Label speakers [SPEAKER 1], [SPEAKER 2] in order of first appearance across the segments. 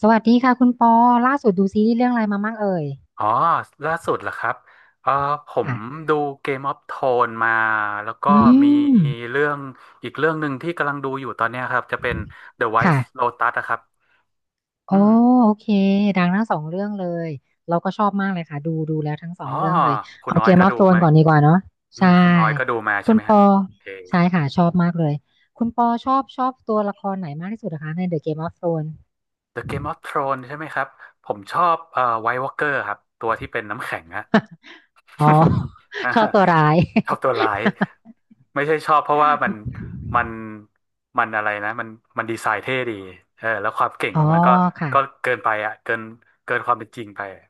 [SPEAKER 1] สวัสดีค่ะคุณปอล่าสุดดูซีรีส์เรื่องอะไรมามั่งเอ่ย
[SPEAKER 2] อ๋อล่าสุดเหรอครับเออผม
[SPEAKER 1] ค่ะ
[SPEAKER 2] ดู Game of Thrones มา แล้วก็
[SPEAKER 1] อื
[SPEAKER 2] มี
[SPEAKER 1] ม
[SPEAKER 2] เรื่องอีกเรื่องหนึ่งที่กำลังดูอยู่ตอนเนี้ยครับ จะเป็น The White
[SPEAKER 1] ค่ะ
[SPEAKER 2] Lotus นะครับ
[SPEAKER 1] โอ้
[SPEAKER 2] อืม
[SPEAKER 1] โอเคดังทั้งสองเรื่องเลยเราก็ชอบมากเลยค่ะดูแล้วทั้งส
[SPEAKER 2] อ๋
[SPEAKER 1] อ
[SPEAKER 2] อ
[SPEAKER 1] งเรื่องเลย
[SPEAKER 2] คุณ
[SPEAKER 1] เอา
[SPEAKER 2] ออ
[SPEAKER 1] เก
[SPEAKER 2] ย
[SPEAKER 1] ม
[SPEAKER 2] ก็
[SPEAKER 1] ออฟ
[SPEAKER 2] ดู
[SPEAKER 1] โธรน
[SPEAKER 2] มา
[SPEAKER 1] ก่อนดีกว่าเนาะใช่
[SPEAKER 2] คุณออยก็ดูมาใช่
[SPEAKER 1] คุณ
[SPEAKER 2] ไหม
[SPEAKER 1] ป
[SPEAKER 2] ฮะ
[SPEAKER 1] อ
[SPEAKER 2] โอเค
[SPEAKER 1] ใช่ค่ะชอบมากเลยคุณปอชอบตัวละครไหนมากที่สุดนะคะใน The Game of Thrones
[SPEAKER 2] The Game of Thrones ใช่ไหมครับ ผมชอบWhite Walker ครับ ตัวที่เป็นน้ำแข็งอะ
[SPEAKER 1] อ๋อ
[SPEAKER 2] ฮะ
[SPEAKER 1] ชอบตัวร้าย
[SPEAKER 2] ชอบตัวร้ายไม่ใช่ชอบเพราะว่ามันมันอะไรนะมันดีไซน์เท่ดีเออแล้วความเก่ง
[SPEAKER 1] อ๋
[SPEAKER 2] ข
[SPEAKER 1] อ
[SPEAKER 2] องมันก็
[SPEAKER 1] ค่ะ
[SPEAKER 2] ก็เกินไปอ่ะเกินความเป็นจริงไปอะ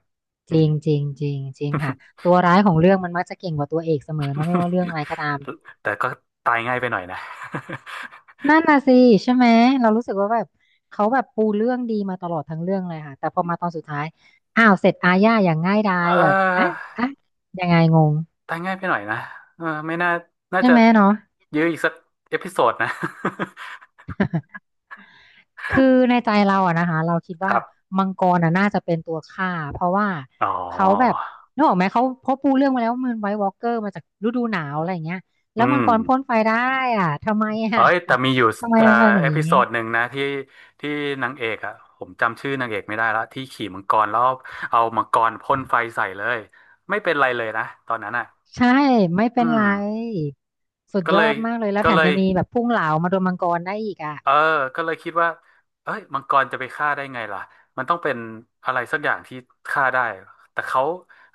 [SPEAKER 1] จ
[SPEAKER 2] อื
[SPEAKER 1] ริ
[SPEAKER 2] ม
[SPEAKER 1] งจริงจริงจริงค่ะตัวร้ายของเรื่องมันมักจะเก่งกว่าตัวเอกเสมอเนาะไม่ว่าเรื่องอะไรก็ตาม
[SPEAKER 2] แต่ก็ตายง่ายไปหน่อยนะ
[SPEAKER 1] นั่นน่ะสิใช่ไหมเรารู้สึกว่าแบบเขาแบบปูเรื่องดีมาตลอดทั้งเรื่องเลยค่ะแต่พอมาตอนสุดท้ายอ้าวเสร็จอาญาอย่างง่ายดาย
[SPEAKER 2] เ
[SPEAKER 1] แบบอ่ะ
[SPEAKER 2] ออ
[SPEAKER 1] อ่ะยังไงงง
[SPEAKER 2] ตายง่ายไปหน่อยนะเออไม่น่าน่า
[SPEAKER 1] ใช่
[SPEAKER 2] จะ
[SPEAKER 1] ไหมเนาะ
[SPEAKER 2] ยื้ออีกสักเอพิโซดนะ
[SPEAKER 1] คือในใจเราอะนะคะเราคิด
[SPEAKER 2] ค
[SPEAKER 1] ว่า
[SPEAKER 2] รับ
[SPEAKER 1] มังกรอะน่าจะเป็นตัวฆ่าเพราะว่า
[SPEAKER 2] อ๋
[SPEAKER 1] เขาแบบ
[SPEAKER 2] อ
[SPEAKER 1] นึกออกไหมเขาเพราะปูเรื่องมาแล้วว่ามันไวท์วอล์กเกอร์มาจากฤดูหนาวอะไรอย่างเงี้ยแล้
[SPEAKER 2] อื
[SPEAKER 1] วมัง
[SPEAKER 2] ม
[SPEAKER 1] กรพ่นไฟได้อ่ะทำไม
[SPEAKER 2] เอ้
[SPEAKER 1] อ่ะ
[SPEAKER 2] ยแต่มีอยู่
[SPEAKER 1] ทำไม
[SPEAKER 2] เอ่อ
[SPEAKER 1] มันเป็นอย่า
[SPEAKER 2] เอ
[SPEAKER 1] ง
[SPEAKER 2] พิ
[SPEAKER 1] นี้
[SPEAKER 2] โซดหนึ่งนะที่นางเอกอ่ะผมจำชื่อนางเอกไม่ได้และที่ขี่มังกรแล้วเอามังกรพ่นไฟใส่เลยไม่เป็นไรเลยนะตอนนั้นอ่ะ
[SPEAKER 1] ใช่ไม่
[SPEAKER 2] อื
[SPEAKER 1] เป็นไร
[SPEAKER 2] ม
[SPEAKER 1] สุด
[SPEAKER 2] ก็
[SPEAKER 1] ย
[SPEAKER 2] เล
[SPEAKER 1] อ
[SPEAKER 2] ย
[SPEAKER 1] ดมากเลยแล้ว
[SPEAKER 2] ก็
[SPEAKER 1] แถ
[SPEAKER 2] เล
[SPEAKER 1] ม
[SPEAKER 2] ย
[SPEAKER 1] ยังมีแบบพุ่งเหลามาโดนมังกรได้อีกอ่ะ
[SPEAKER 2] เออก็เลยคิดว่าเอ้ยมังกรจะไปฆ่าได้ไงล่ะมันต้องเป็นอะไรสักอย่างที่ฆ่าได้แต่เขา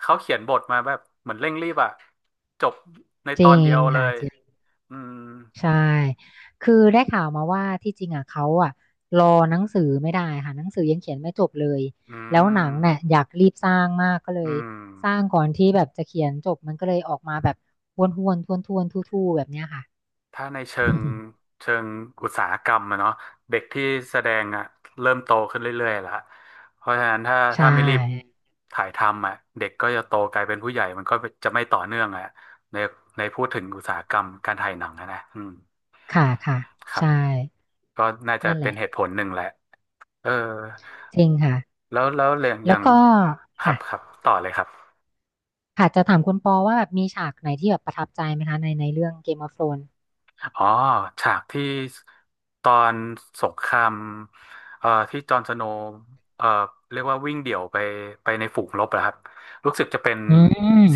[SPEAKER 2] เขาเขียนบทมาแบบเหมือนเร่งรีบอ่ะจบใน
[SPEAKER 1] จ
[SPEAKER 2] ตอ
[SPEAKER 1] ริ
[SPEAKER 2] นเดี
[SPEAKER 1] ง
[SPEAKER 2] ยวเล
[SPEAKER 1] ค่ะ
[SPEAKER 2] ย
[SPEAKER 1] จริง
[SPEAKER 2] อืม
[SPEAKER 1] ใช่คือได้ข่าวมาว่าที่จริงอ่ะเขาอ่ะรอหนังสือไม่ได้ค่ะหนังสือยังเขียนไม่จบเลย
[SPEAKER 2] อื
[SPEAKER 1] แล้วหนัง
[SPEAKER 2] ม
[SPEAKER 1] เนี่ยอยากรีบสร้างมากก็เลย
[SPEAKER 2] อืม
[SPEAKER 1] สร้างก่อนที่แบบจะเขียนจบมันก็เลยออกมาแบบวนๆวนทวนทู่ๆแบบเนี้ยค่ะ
[SPEAKER 2] ถ้าในเชิงอุตสาหกรรมอะเนาะเด็กที่แสดงอะเริ่มโตขึ้นเรื่อยๆละเพราะฉะนั้นถ้า
[SPEAKER 1] ใช่
[SPEAKER 2] ถ้าไม่รีบถ่ายทำอะเด็กก็จะโตกลายเป็นผู้ใหญ่มันก็จะไม่ต่อเนื่องอะในในพูดถึงอุตสาหกรรมการถ่ายหนังอะนะอืม
[SPEAKER 1] ค่ะค่ะ
[SPEAKER 2] ครับ
[SPEAKER 1] ใช่
[SPEAKER 2] ก็น่าจะ
[SPEAKER 1] นั่นแห
[SPEAKER 2] เป็
[SPEAKER 1] ละ
[SPEAKER 2] นเหตุผลหนึ่งแหละเออ
[SPEAKER 1] จริงค่ะ
[SPEAKER 2] แล้วเรื่องอ
[SPEAKER 1] แล้
[SPEAKER 2] ย่า
[SPEAKER 1] ว
[SPEAKER 2] ง
[SPEAKER 1] ก็
[SPEAKER 2] ครับ
[SPEAKER 1] ค่ะ
[SPEAKER 2] ครับต่อเลยครับ
[SPEAKER 1] ค่ะจะถามคุณปอว่าแบบมีฉากไหนที่แบบประทับใจไหมคะในเรื่อง Game of Thrones
[SPEAKER 2] อ๋อฉากที่ตอนสงครามที่จอห์นสโนว์เอ่อเรียกว่าวิ่งเดี่ยวไปในฝูงรบนะครับรู้สึกจะเป็น
[SPEAKER 1] อื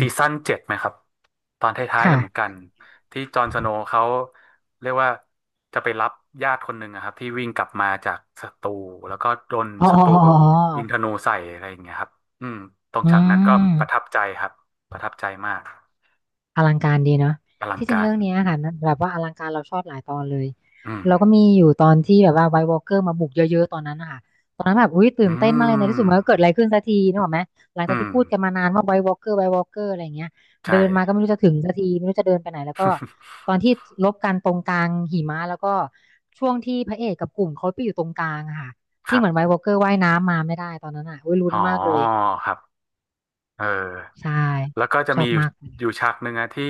[SPEAKER 2] ซีซั่นเจ็ดไหมครับตอนท้ายๆแล้วเหมือน
[SPEAKER 1] ค่ะ
[SPEAKER 2] กันที่จอห์นสโนว์เขาเรียกว่าจะไปรับญาติคนหนึ่งอะครับที่วิ่งกลับมาจากศัตรูแล้วก็โดน
[SPEAKER 1] อ๋อ
[SPEAKER 2] ศั
[SPEAKER 1] อ๋
[SPEAKER 2] ต
[SPEAKER 1] อ
[SPEAKER 2] รู
[SPEAKER 1] อ๋ออ๋
[SPEAKER 2] ยิงธ
[SPEAKER 1] อ
[SPEAKER 2] นูใส่อะไรอย่างเงี้ยครับอืมตรง
[SPEAKER 1] อื
[SPEAKER 2] ฉากนั้นก็ประทั
[SPEAKER 1] ม
[SPEAKER 2] บใจครับประทับใจมาก
[SPEAKER 1] อลังการดีเนาะ
[SPEAKER 2] อลัง
[SPEAKER 1] ที่จริง
[SPEAKER 2] การ
[SPEAKER 1] เรื่องเนี้ยค่ะมันแบบว่าอลังการเราชอบหลายตอนเลย
[SPEAKER 2] อืม
[SPEAKER 1] เราก็มีอยู่ตอนที่แบบว่าไวท์วอล์กเกอร์มาบุกเยอะๆตอนนั้นนะคะตอนนั้นแบบอุ้ยตื่
[SPEAKER 2] อื
[SPEAKER 1] นเต้นมากเลยในที่สุดมันก็เกิด
[SPEAKER 2] ม
[SPEAKER 1] อะไรขึ้นสักทีนึกออกไหมหลังจาก
[SPEAKER 2] อืม
[SPEAKER 1] ที่พูดกันมานานว่าไวท์วอล์กเกอร์ไวท์วอล์กเกอร์อะไรอย่างเงี้ย
[SPEAKER 2] ใช
[SPEAKER 1] เดินมาก็ไม่
[SPEAKER 2] ่
[SPEAKER 1] รู้จะถึงสักทีไม่รู้จะเดินไปไหนแล้วก็ ตอนที่ลบกันตรงกลางหิมะแล้วก็ช่วงที่พระเอกกับกลุ่มเขาไปอยู่ตรงกลางอะค่ะ
[SPEAKER 2] ค
[SPEAKER 1] ที่
[SPEAKER 2] รับ
[SPEAKER 1] เหมือนไวท์วอล์กเกอร์ว่ายน้ำมาไม่ได้ตอนนั้นอ่ะอุ้ยลุ้
[SPEAKER 2] อ๋
[SPEAKER 1] น
[SPEAKER 2] อ
[SPEAKER 1] มากเลย
[SPEAKER 2] ครับ เออ
[SPEAKER 1] ใช่
[SPEAKER 2] แล้วก็จะ
[SPEAKER 1] ชอ
[SPEAKER 2] มี
[SPEAKER 1] บ
[SPEAKER 2] อยู่
[SPEAKER 1] มาก
[SPEAKER 2] อยู่ฉากหนึ่งอะที่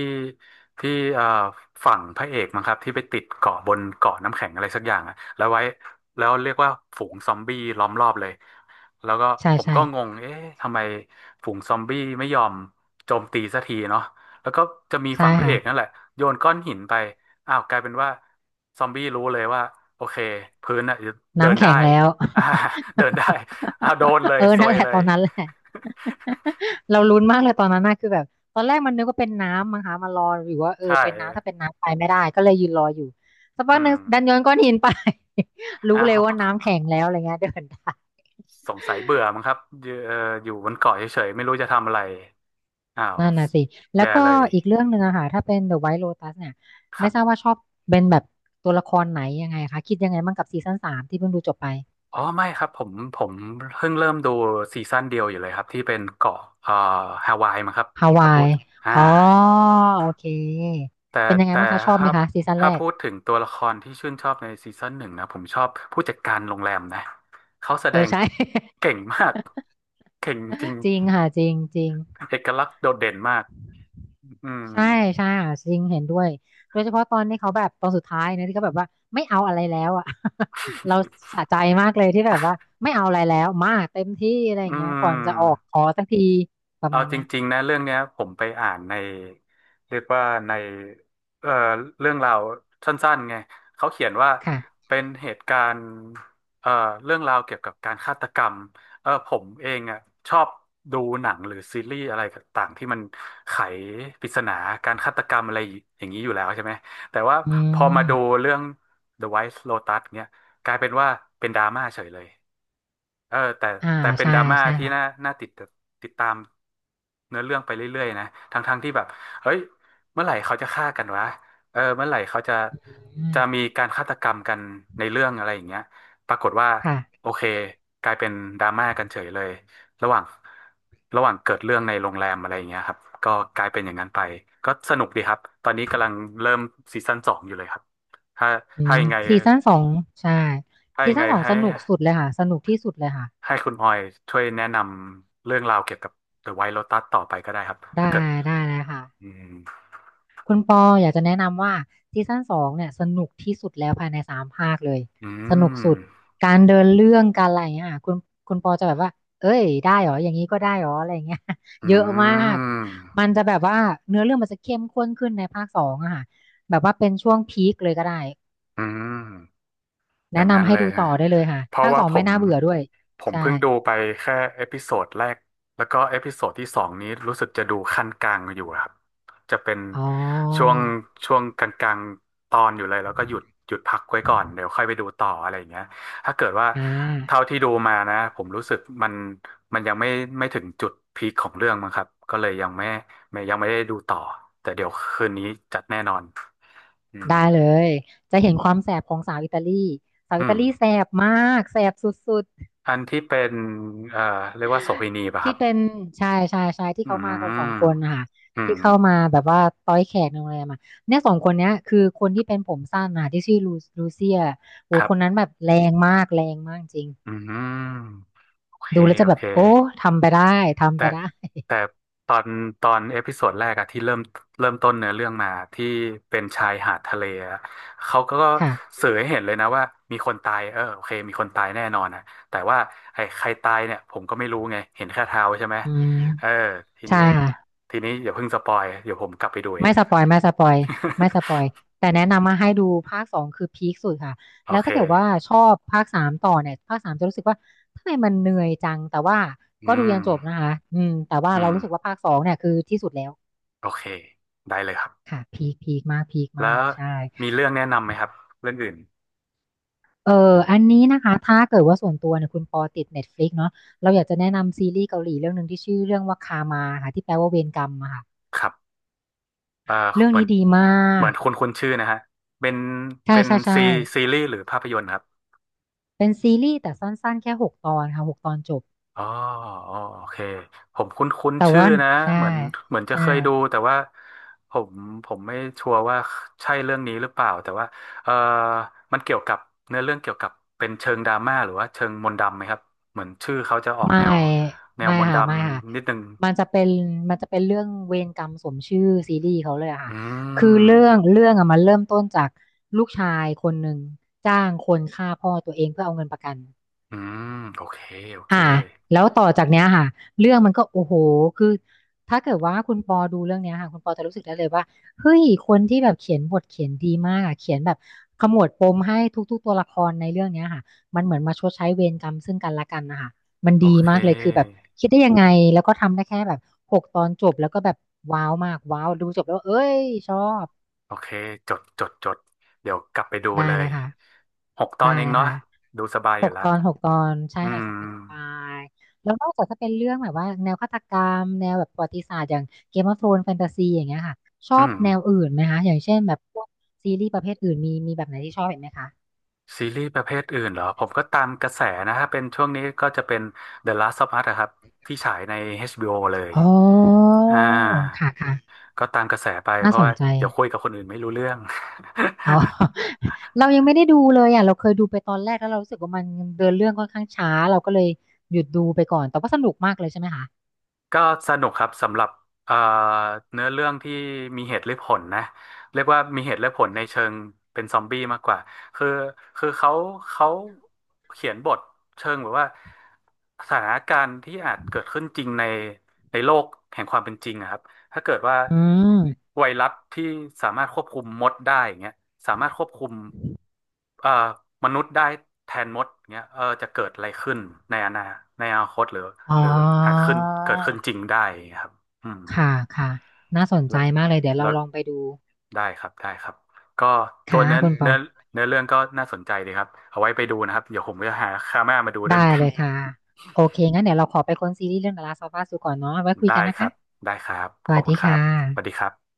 [SPEAKER 2] ที่เอ่อฝั่งพระเอกมั้งครับที่ไปติดเกาะบนเกาะน้ำแข็งอะไรสักอย่างอะแล้วไว้แล้วเรียกว่าฝูงซอมบี้ล้อมรอบเลยแล้วก็
[SPEAKER 1] ใช่
[SPEAKER 2] ผม
[SPEAKER 1] ใช่
[SPEAKER 2] ก็งงเอ๊ะทำไมฝูงซอมบี้ไม่ยอมโจมตีสักทีเนาะแล้วก็จะมี
[SPEAKER 1] ใช่
[SPEAKER 2] ฝั่งพระเอ
[SPEAKER 1] ค่ะ
[SPEAKER 2] กนั่นแหละโยนก้อนหินไปอ้าวกลายเป็นว่าซอมบี้รู้เลยว่าโอเคพื้นอะเดิน
[SPEAKER 1] น้ำ
[SPEAKER 2] ได้
[SPEAKER 1] แข็งแล้ว
[SPEAKER 2] อ่าเดินได้ อ้าวโดนเลย
[SPEAKER 1] เออ
[SPEAKER 2] ซ
[SPEAKER 1] นั่
[SPEAKER 2] ว
[SPEAKER 1] น
[SPEAKER 2] ย
[SPEAKER 1] แหละ
[SPEAKER 2] เล
[SPEAKER 1] ต
[SPEAKER 2] ย
[SPEAKER 1] อนนั้นแหละ เราลุ้นมากเลยตอนนั้นน่ะคือแบบตอนแรกมันนึกว่าเป็นน้ำมั้งคะมารออยู่ว่าเอ อ
[SPEAKER 2] ใช่
[SPEAKER 1] เป็นน้ำถ้าเป็นน้ำไปไม่ได้ก็เลยยืนรออยู่สักพัก
[SPEAKER 2] อื
[SPEAKER 1] หนึ่ง
[SPEAKER 2] ม
[SPEAKER 1] ดันโยนก้อนหินไป รู้
[SPEAKER 2] อ้า
[SPEAKER 1] เลย
[SPEAKER 2] ว
[SPEAKER 1] ว่าน้ำแข็งแล้วอะไรเงี้ยเดินได้
[SPEAKER 2] สงสัยเบื่อมั้งครับอยู่บนเกาะเฉยๆ ไม่รู้จะทำอะไรอ้าว
[SPEAKER 1] นั่นน่ะสิแล้ว
[SPEAKER 2] แย่
[SPEAKER 1] ก็
[SPEAKER 2] เลย
[SPEAKER 1] อีกเรื่องหนึ่งอะค่ะถ้าเป็น The White Lotus เนี่ย
[SPEAKER 2] ค
[SPEAKER 1] ไม่
[SPEAKER 2] รั
[SPEAKER 1] ทราบ
[SPEAKER 2] บ
[SPEAKER 1] ว่าชอบเป็นแบบตัวละครไหนยังไงคะคิดยังไงบ้างกับซีซั่นสามที่เพิ่งดูจบไป
[SPEAKER 2] อ๋อไม่ครับผมเพิ่งเริ่มดูซีซั่นเดียวอยู่เลยครับที่เป็นเกาะฮาวายมั้งครับ
[SPEAKER 1] ฮา
[SPEAKER 2] ถ้า
[SPEAKER 1] วา
[SPEAKER 2] พู
[SPEAKER 1] ย
[SPEAKER 2] ด อ่า
[SPEAKER 1] อ๋อโอเค
[SPEAKER 2] แต่
[SPEAKER 1] เป็นยังไง
[SPEAKER 2] แต่
[SPEAKER 1] บ้างคะ ชอ
[SPEAKER 2] ค
[SPEAKER 1] บไหม
[SPEAKER 2] รับ
[SPEAKER 1] คะซีซั่น
[SPEAKER 2] ถ้า
[SPEAKER 1] แรก
[SPEAKER 2] พูดถึงตัวละครที่ชื่นชอบในซีซั่นหนึ่งนะผมชอบผู้จัดการโรงแรมนะเขาแส
[SPEAKER 1] เอ
[SPEAKER 2] ด
[SPEAKER 1] อ
[SPEAKER 2] ง
[SPEAKER 1] ใช่
[SPEAKER 2] เก่งมากเก่งจริง
[SPEAKER 1] จริงค่ะ จริงจริง
[SPEAKER 2] เอกลักษณ์โดดเด่นมาก อืม
[SPEAKER 1] ใช่ใช่ค่ะจริงเห็นด้วย โดยเฉพาะตอนนี้เขาแบบตอนสุดท้ายนะที่เขาแบบว่าไม่เอาอะไรแล้วอ่ะ เรา สะใจมากเลยที่แบบว่าไม่เอาอะไรแล้วมาเต็มที่อะไรอ
[SPEAKER 2] อื
[SPEAKER 1] ย่างเงี้ยก่อนจะออก
[SPEAKER 2] ม
[SPEAKER 1] ขอสักทีประ
[SPEAKER 2] เอา
[SPEAKER 1] มาณ
[SPEAKER 2] จ
[SPEAKER 1] เนี้ย
[SPEAKER 2] ริงๆนะเรื่องเนี้ยผมไปอ่านในเรียกว่าในเอ่อเรื่องราวสั้นๆไงเขาเขียนว่า
[SPEAKER 1] ค่ะ
[SPEAKER 2] เป็นเหตุการณ์เอ่อเรื่องราวเกี่ยวกับการฆาตกรรมเออผมเองอ่ะชอบดูหนังหรือซีรีส์อะไรต่างๆที่มันไขปริศนาการฆาตกรรมอะไรอย่างนี้อยู่แล้วใช่ไหมแต่ว่า
[SPEAKER 1] อื
[SPEAKER 2] พอมาดู
[SPEAKER 1] ม
[SPEAKER 2] เรื่อง The White Lotus เนี้ยกลายเป็นว่าเป็นดราม่าเฉยเลย เออแต่
[SPEAKER 1] อ่า
[SPEAKER 2] แต่เป็น
[SPEAKER 1] ใช่
[SPEAKER 2] ดราม่า
[SPEAKER 1] ใช่
[SPEAKER 2] ที่น่า
[SPEAKER 1] ค่ะ
[SPEAKER 2] น่าติดตามเนื้อเรื่องไปเรื่อยๆนะทั้งที่แบบเฮ้ยเมื่อไหร่เขาจะฆ่ากันวะเออเมื่อไหร่เขาจะ
[SPEAKER 1] อืม
[SPEAKER 2] จะมีการฆาตกรรมกันในเรื่องอะไรอย่างเงี้ยปรากฏว่า
[SPEAKER 1] ค่ะ
[SPEAKER 2] โอเคกลายเป็นดราม่ากันเฉยเลยระหว่างระหว่างเกิดเรื่องในโรงแรมอะไรอย่างเงี้ยครับก็กลายเป็นอย่างนั้นไปก็สนุกดีครับตอนนี้กำลังเริ่มซีซั่นสองอยู่เลยครับถ้า
[SPEAKER 1] อื
[SPEAKER 2] ถ้า
[SPEAKER 1] ม
[SPEAKER 2] ยังไง
[SPEAKER 1] ซีซั่นสองใช่
[SPEAKER 2] ถ้า
[SPEAKER 1] ซี
[SPEAKER 2] ยัง
[SPEAKER 1] ซั่
[SPEAKER 2] ไง
[SPEAKER 1] นสอง
[SPEAKER 2] ให้
[SPEAKER 1] สนุกสุดเลยค่ะสนุกที่สุดเลยค่ะ
[SPEAKER 2] ให้คุณออยช่วยแนะนำเรื่องราวเกี่ยวกับ The White Lotus ต่อไปก็ได้ครับ
[SPEAKER 1] ได้
[SPEAKER 2] ถ้าเกิด
[SPEAKER 1] ได้เลย
[SPEAKER 2] อื
[SPEAKER 1] ค่ะ
[SPEAKER 2] ม
[SPEAKER 1] คุณปออยากจะแนะนำว่าซีซั่นสองเนี่ยสนุกที่สุดแล้วภายในสามภาคเลย
[SPEAKER 2] อื
[SPEAKER 1] สนุก
[SPEAKER 2] ม
[SPEAKER 1] สุดการเดินเรื่องการอะไรอย่างเงี้ยค่ะคุณปอจะแบบว่าเอ้ยได้เหรออย่างนี้ก็ได้เหรออะไรอย่างเงี้ย
[SPEAKER 2] อื
[SPEAKER 1] เยอะมากมัน
[SPEAKER 2] ม
[SPEAKER 1] จะแบบว่าเนื้อเรื่องมันจะเข้มข้นขึ้นในภาคสองอะค่ะแบบว่าเป็นช่วงพีคเลยก็ได้
[SPEAKER 2] อืม อย่า
[SPEAKER 1] แนะ
[SPEAKER 2] งนั้น
[SPEAKER 1] นำให้
[SPEAKER 2] เลย
[SPEAKER 1] ดู
[SPEAKER 2] ฮะ
[SPEAKER 1] ต่อได้เลยค่ะ
[SPEAKER 2] เพราะ
[SPEAKER 1] ภาค
[SPEAKER 2] ว่า
[SPEAKER 1] สอง
[SPEAKER 2] ผ
[SPEAKER 1] ไม่
[SPEAKER 2] ม
[SPEAKER 1] น่าเบื่อด้วย
[SPEAKER 2] ผม
[SPEAKER 1] ใช่
[SPEAKER 2] เพิ่งดูไปแค่เอพิโซดแรกแล้วก็เอพิโซดที่สองนี้รู้สึกจะดูขั้นกลางอยู่ครับจะเป็น
[SPEAKER 1] อ๋อ
[SPEAKER 2] ช่วงช่วงกลางๆตอนอยู่เลยแล้วก็หยุดพักไว้ก่อนเดี๋ยวค่อยไปดูต่ออะไรอย่างเงี้ยถ้าเกิดว่า
[SPEAKER 1] อ่
[SPEAKER 2] เท่า
[SPEAKER 1] า
[SPEAKER 2] ที่ดูมานะผมรู้สึกมันยังไม่ถึงจุดพีคของเรื่องมั้งครับก็เลยยังไม่ไม่ยังไม่ได้ดูต่อแต่เดี๋ยวคืนนี้จัดแน่นอนอืม
[SPEAKER 1] ได้เลยจะเห็นความแสบของสาวอิตาลีสาวอิ
[SPEAKER 2] อื
[SPEAKER 1] ตา
[SPEAKER 2] ม
[SPEAKER 1] ลีแสบมากแสบสุด
[SPEAKER 2] อันที่เป็นเอ่อเรียกว่าโสเภณีป่ะ
[SPEAKER 1] ๆ
[SPEAKER 2] ค
[SPEAKER 1] ที่
[SPEAKER 2] รับ
[SPEAKER 1] เป็นชายชายชายที่
[SPEAKER 2] อื
[SPEAKER 1] เขามากันสองค
[SPEAKER 2] ม
[SPEAKER 1] นนะคะ
[SPEAKER 2] อื
[SPEAKER 1] ที่
[SPEAKER 2] ม
[SPEAKER 1] เข้ามาแบบว่าต้อยแขกในโรงแรมอะเนี่ยสองคนเนี้ยคือคนที่เป็นผมสั้นนะที่ชื่อลูลูเซียโอ้
[SPEAKER 2] ครั
[SPEAKER 1] คนนั้
[SPEAKER 2] บ
[SPEAKER 1] นแบบแรงมากแรงมากจริง
[SPEAKER 2] อืมโอเค
[SPEAKER 1] ดูแล้วจะ
[SPEAKER 2] โอ
[SPEAKER 1] แบบ
[SPEAKER 2] เค
[SPEAKER 1] โอ้ทำไปได้ทำ
[SPEAKER 2] แต่
[SPEAKER 1] ไปได้
[SPEAKER 2] แต่ตอนตอนเอพิโซดแรกอะที่เริ่มต้นเนื้อเรื่องมาที่เป็นชายหาดทะเลอะเขาก็
[SPEAKER 1] ค่ะ
[SPEAKER 2] สื่อให้เห็นเลยนะว่ามีคนตายเออโอเคมีคนตายแน่นอนนะแต่ว่าไอ้ใครตายเนี่ยผมก็ไม่รู้ไงเห็นแค่เท้าใช่ไหม
[SPEAKER 1] อื
[SPEAKER 2] เออ
[SPEAKER 1] ม
[SPEAKER 2] ที
[SPEAKER 1] ใช่
[SPEAKER 2] นี้
[SPEAKER 1] ค่ะ
[SPEAKER 2] ทีนี้อย่าเพิ่งสปอยเดี๋ยวผมกลับไปดูเอ
[SPEAKER 1] ไม่
[SPEAKER 2] ง
[SPEAKER 1] ส ปอยไม่สปอยไม่สปอยแต่แนะนำมาให้ดูภาคสองคือพีคสุดค่ะ
[SPEAKER 2] โอ
[SPEAKER 1] แล้ว
[SPEAKER 2] เค
[SPEAKER 1] ถ้าเกิดว่าชอบภาคสามต่อเนี่ยภาคสามจะรู้สึกว่าทำไมมันเหนื่อยจังแต่ว่า
[SPEAKER 2] อื
[SPEAKER 1] ก็ดูยันจบนะ
[SPEAKER 2] ม
[SPEAKER 1] คะอืมแต่ว่า
[SPEAKER 2] อื
[SPEAKER 1] เรา
[SPEAKER 2] ม
[SPEAKER 1] รู้สึกว่าภาคสองเนี่ยคือที่สุดแล้ว
[SPEAKER 2] โอเคได้เลยครับ
[SPEAKER 1] ค่ะพีคพีคมากพีค
[SPEAKER 2] แล้
[SPEAKER 1] มาก
[SPEAKER 2] ว
[SPEAKER 1] ใช่
[SPEAKER 2] มีเรื่องแนะนำไหมครับเรื่องอื่น
[SPEAKER 1] เอออันนี้นะคะถ้าเกิดว่าส่วนตัวเนี่ยคุณปอติด Netflix เนาะเราอยากจะแนะนำซีรีส์เกาหลีเรื่องหนึ่งที่ชื่อเรื่องว่าคามาค่ะที่แปลว่าเวรกรรมอะค่ะ
[SPEAKER 2] ครับเอ่อ
[SPEAKER 1] เรื่อง
[SPEAKER 2] เหมือ
[SPEAKER 1] นี้
[SPEAKER 2] น
[SPEAKER 1] ดีมา
[SPEAKER 2] เหมือ
[SPEAKER 1] ก
[SPEAKER 2] นคุณชื่อนะฮะเป็น
[SPEAKER 1] ใช่
[SPEAKER 2] เป็น
[SPEAKER 1] ใช่ใช่
[SPEAKER 2] ซีซีรีส์หรือภาพยนตร์ครับ
[SPEAKER 1] เป็นซีรีส์แต่สั้นๆแค่หกตอนค่ะหกตอนจบ
[SPEAKER 2] อ๋ออ๋อโอเคผมคุ้นคุ้น
[SPEAKER 1] แต่
[SPEAKER 2] ชื่อ
[SPEAKER 1] ว่า
[SPEAKER 2] นะ
[SPEAKER 1] ใช่
[SPEAKER 2] เหมือนเหมือนจะ
[SPEAKER 1] ใช่
[SPEAKER 2] เคยดูแต่ว่าผมผมไม่ชัวร์ว่าใช่เรื่องนี้หรือเปล่าแต่ว่าเออมันเกี่ยวกับเนื้อเรื่องเกี่ยวกับเป็นเชิงดราม่าหรือว่าเชิงมนต์ดำไหมครับเหมือนชื่อเขาจะออก
[SPEAKER 1] ไม่
[SPEAKER 2] แนวแนว
[SPEAKER 1] ไม่
[SPEAKER 2] มนต์ด
[SPEAKER 1] ค่ะไม่ค่ะ
[SPEAKER 2] ำนิดนึง
[SPEAKER 1] มันจะเป็นมันจะเป็นเรื่องเวรกรรมสมชื่อซีรีส์เขาเลยอะ
[SPEAKER 2] อื
[SPEAKER 1] ค่ะคือเรื่อง
[SPEAKER 2] ม
[SPEAKER 1] เรื่องอะมันเริ่มต้นจากลูกชายคนหนึ่งจ้างคนฆ่าพ่อตัวเองเพื่อเอาเงินประกัน
[SPEAKER 2] อืมโอเค โอเค
[SPEAKER 1] อ่าแล้วต่อจากเนี้ยค่ะเรื่องมันก็โอ้โหคือถ้าเกิดว่าคุณปอดูเรื่องเนี้ยค่ะคุณปอจะรู้สึกได้เลยว่าเฮ้ยคนที่แบบเขียนบทเขียนดีมากอ่ะเขียนแบบขมวดปมให้ทุกๆตัวละครในเรื่องเนี้ยค่ะมันเหมือนมาชดใช้เวรกรรมซึ่งกันและกันนะคะมัน
[SPEAKER 2] โอ
[SPEAKER 1] ดี
[SPEAKER 2] เค
[SPEAKER 1] มากเลยคือแบบคิดได้ยังไงแล้วก็ทำได้แค่แบบหกตอนจบแล้วก็แบบว้าวมากว้าวดูจบแล้วเอ้ยชอบ
[SPEAKER 2] โอเคจดจดจดเดี๋ยวกลับไปดู
[SPEAKER 1] ได้
[SPEAKER 2] เล
[SPEAKER 1] เล
[SPEAKER 2] ย
[SPEAKER 1] ยค่ะ
[SPEAKER 2] หกตอ
[SPEAKER 1] ได้
[SPEAKER 2] นเอ
[SPEAKER 1] เล
[SPEAKER 2] ง
[SPEAKER 1] ย
[SPEAKER 2] เนาะ
[SPEAKER 1] ค่ะ
[SPEAKER 2] ดูสบายอ
[SPEAKER 1] ห
[SPEAKER 2] ยู่
[SPEAKER 1] ก
[SPEAKER 2] ละ
[SPEAKER 1] ตอนหกตอนใช่
[SPEAKER 2] อื
[SPEAKER 1] ค่ะสบายสบา
[SPEAKER 2] ม
[SPEAKER 1] ยแล้วนอกจากถ้าเป็นเรื่องแบบว่าแนวฆาตกรรมแนวแบบประวัติศาสตร์อย่างเกมออฟโธรนแฟนตาซีอย่างเงี้ยค่ะชอ
[SPEAKER 2] อื
[SPEAKER 1] บ
[SPEAKER 2] ม
[SPEAKER 1] แนวอื่นไหมคะอย่างเช่นแบบพวกซีรีส์ประเภทอื่นมีแบบไหนที่ชอบเห็นไหมคะ
[SPEAKER 2] ซีรีส์ประเภทอื่นเหรอผมก็ตามกระแสนะถ้าเป็นช่วงนี้ก็จะเป็น The Last of Us อะครับที่ฉายใน HBO เลย
[SPEAKER 1] อ๋อ
[SPEAKER 2] อ่า
[SPEAKER 1] ค่ะค่ะ
[SPEAKER 2] ก็ตามกระแสไปเพ
[SPEAKER 1] น่าส
[SPEAKER 2] ราะว่า
[SPEAKER 1] นใจ
[SPEAKER 2] เดี๋ยวคุยกับคนอื่นไม่รู้เรื่อง
[SPEAKER 1] เอา เรายังไม่ได้ดูเลยอ่ะเราเคยดูไปตอนแรกแล้วเรารู้สึกว่ามันเดินเรื่องค่อนข้างช้าเราก็เลยหยุดดูไปก่อนแต่ว่าสนุกมากเลยใช่ไหมคะ
[SPEAKER 2] ก็สนุกครับสำหรับเอ่อเนื้อเรื่องที่มีเหตุและผลนะเรียกว่ามีเหตุและผลในเชิงเป็นซอมบี้มากกว่าคือคือเขาเขียนบทเชิงแบบว่าสถานการณ์ที่อาจเกิดขึ้นจริงในโลกแห่งความเป็นจริงอะครับ ถ้าเกิดว่า
[SPEAKER 1] อืม
[SPEAKER 2] ไวรัสที่สามารถควบคุมมดได้อย่างเงี้ยสามารถควบคุมเอ่อมนุษย์ได้แทนมดอย่างเงี้ยเออจะเกิดอะไรขึ้นในอนาในอนาคตหรือ
[SPEAKER 1] อ๋อ
[SPEAKER 2] หรืออาจขึ้นเกิดขึ้นจริงได้อย่างเงี้ยครับอืม
[SPEAKER 1] ค่ะ ค่ะ น่าสนใจ
[SPEAKER 2] และ
[SPEAKER 1] มากเลย เดี๋ยวเรา
[SPEAKER 2] แล้ว
[SPEAKER 1] ลองไปดู
[SPEAKER 2] ได้ครับก็ตัว
[SPEAKER 1] ค่ะคุณปอ
[SPEAKER 2] เนื้อเรื่องก็น่าสนใจดีครับเอาไว้ไปดูนะครับเดี๋ยวผมจะหาคาม่ามาดูด้ว
[SPEAKER 1] ได้
[SPEAKER 2] ยเหมือนกั
[SPEAKER 1] เล
[SPEAKER 2] น
[SPEAKER 1] ยค่ะ โอเคงั้นเดี๋ยวเราขอไปค้นซีรีส์เรื่อง The Last of Us ดูก่อนเนาะไว้คุย
[SPEAKER 2] ได้
[SPEAKER 1] กันนะ
[SPEAKER 2] ครั
[SPEAKER 1] คะ
[SPEAKER 2] บได้ครับ
[SPEAKER 1] ส
[SPEAKER 2] ขอ
[SPEAKER 1] วั
[SPEAKER 2] บ
[SPEAKER 1] ส
[SPEAKER 2] คุ
[SPEAKER 1] ดี
[SPEAKER 2] ณครั
[SPEAKER 1] ค่ะ
[SPEAKER 2] บสวัสดีครับ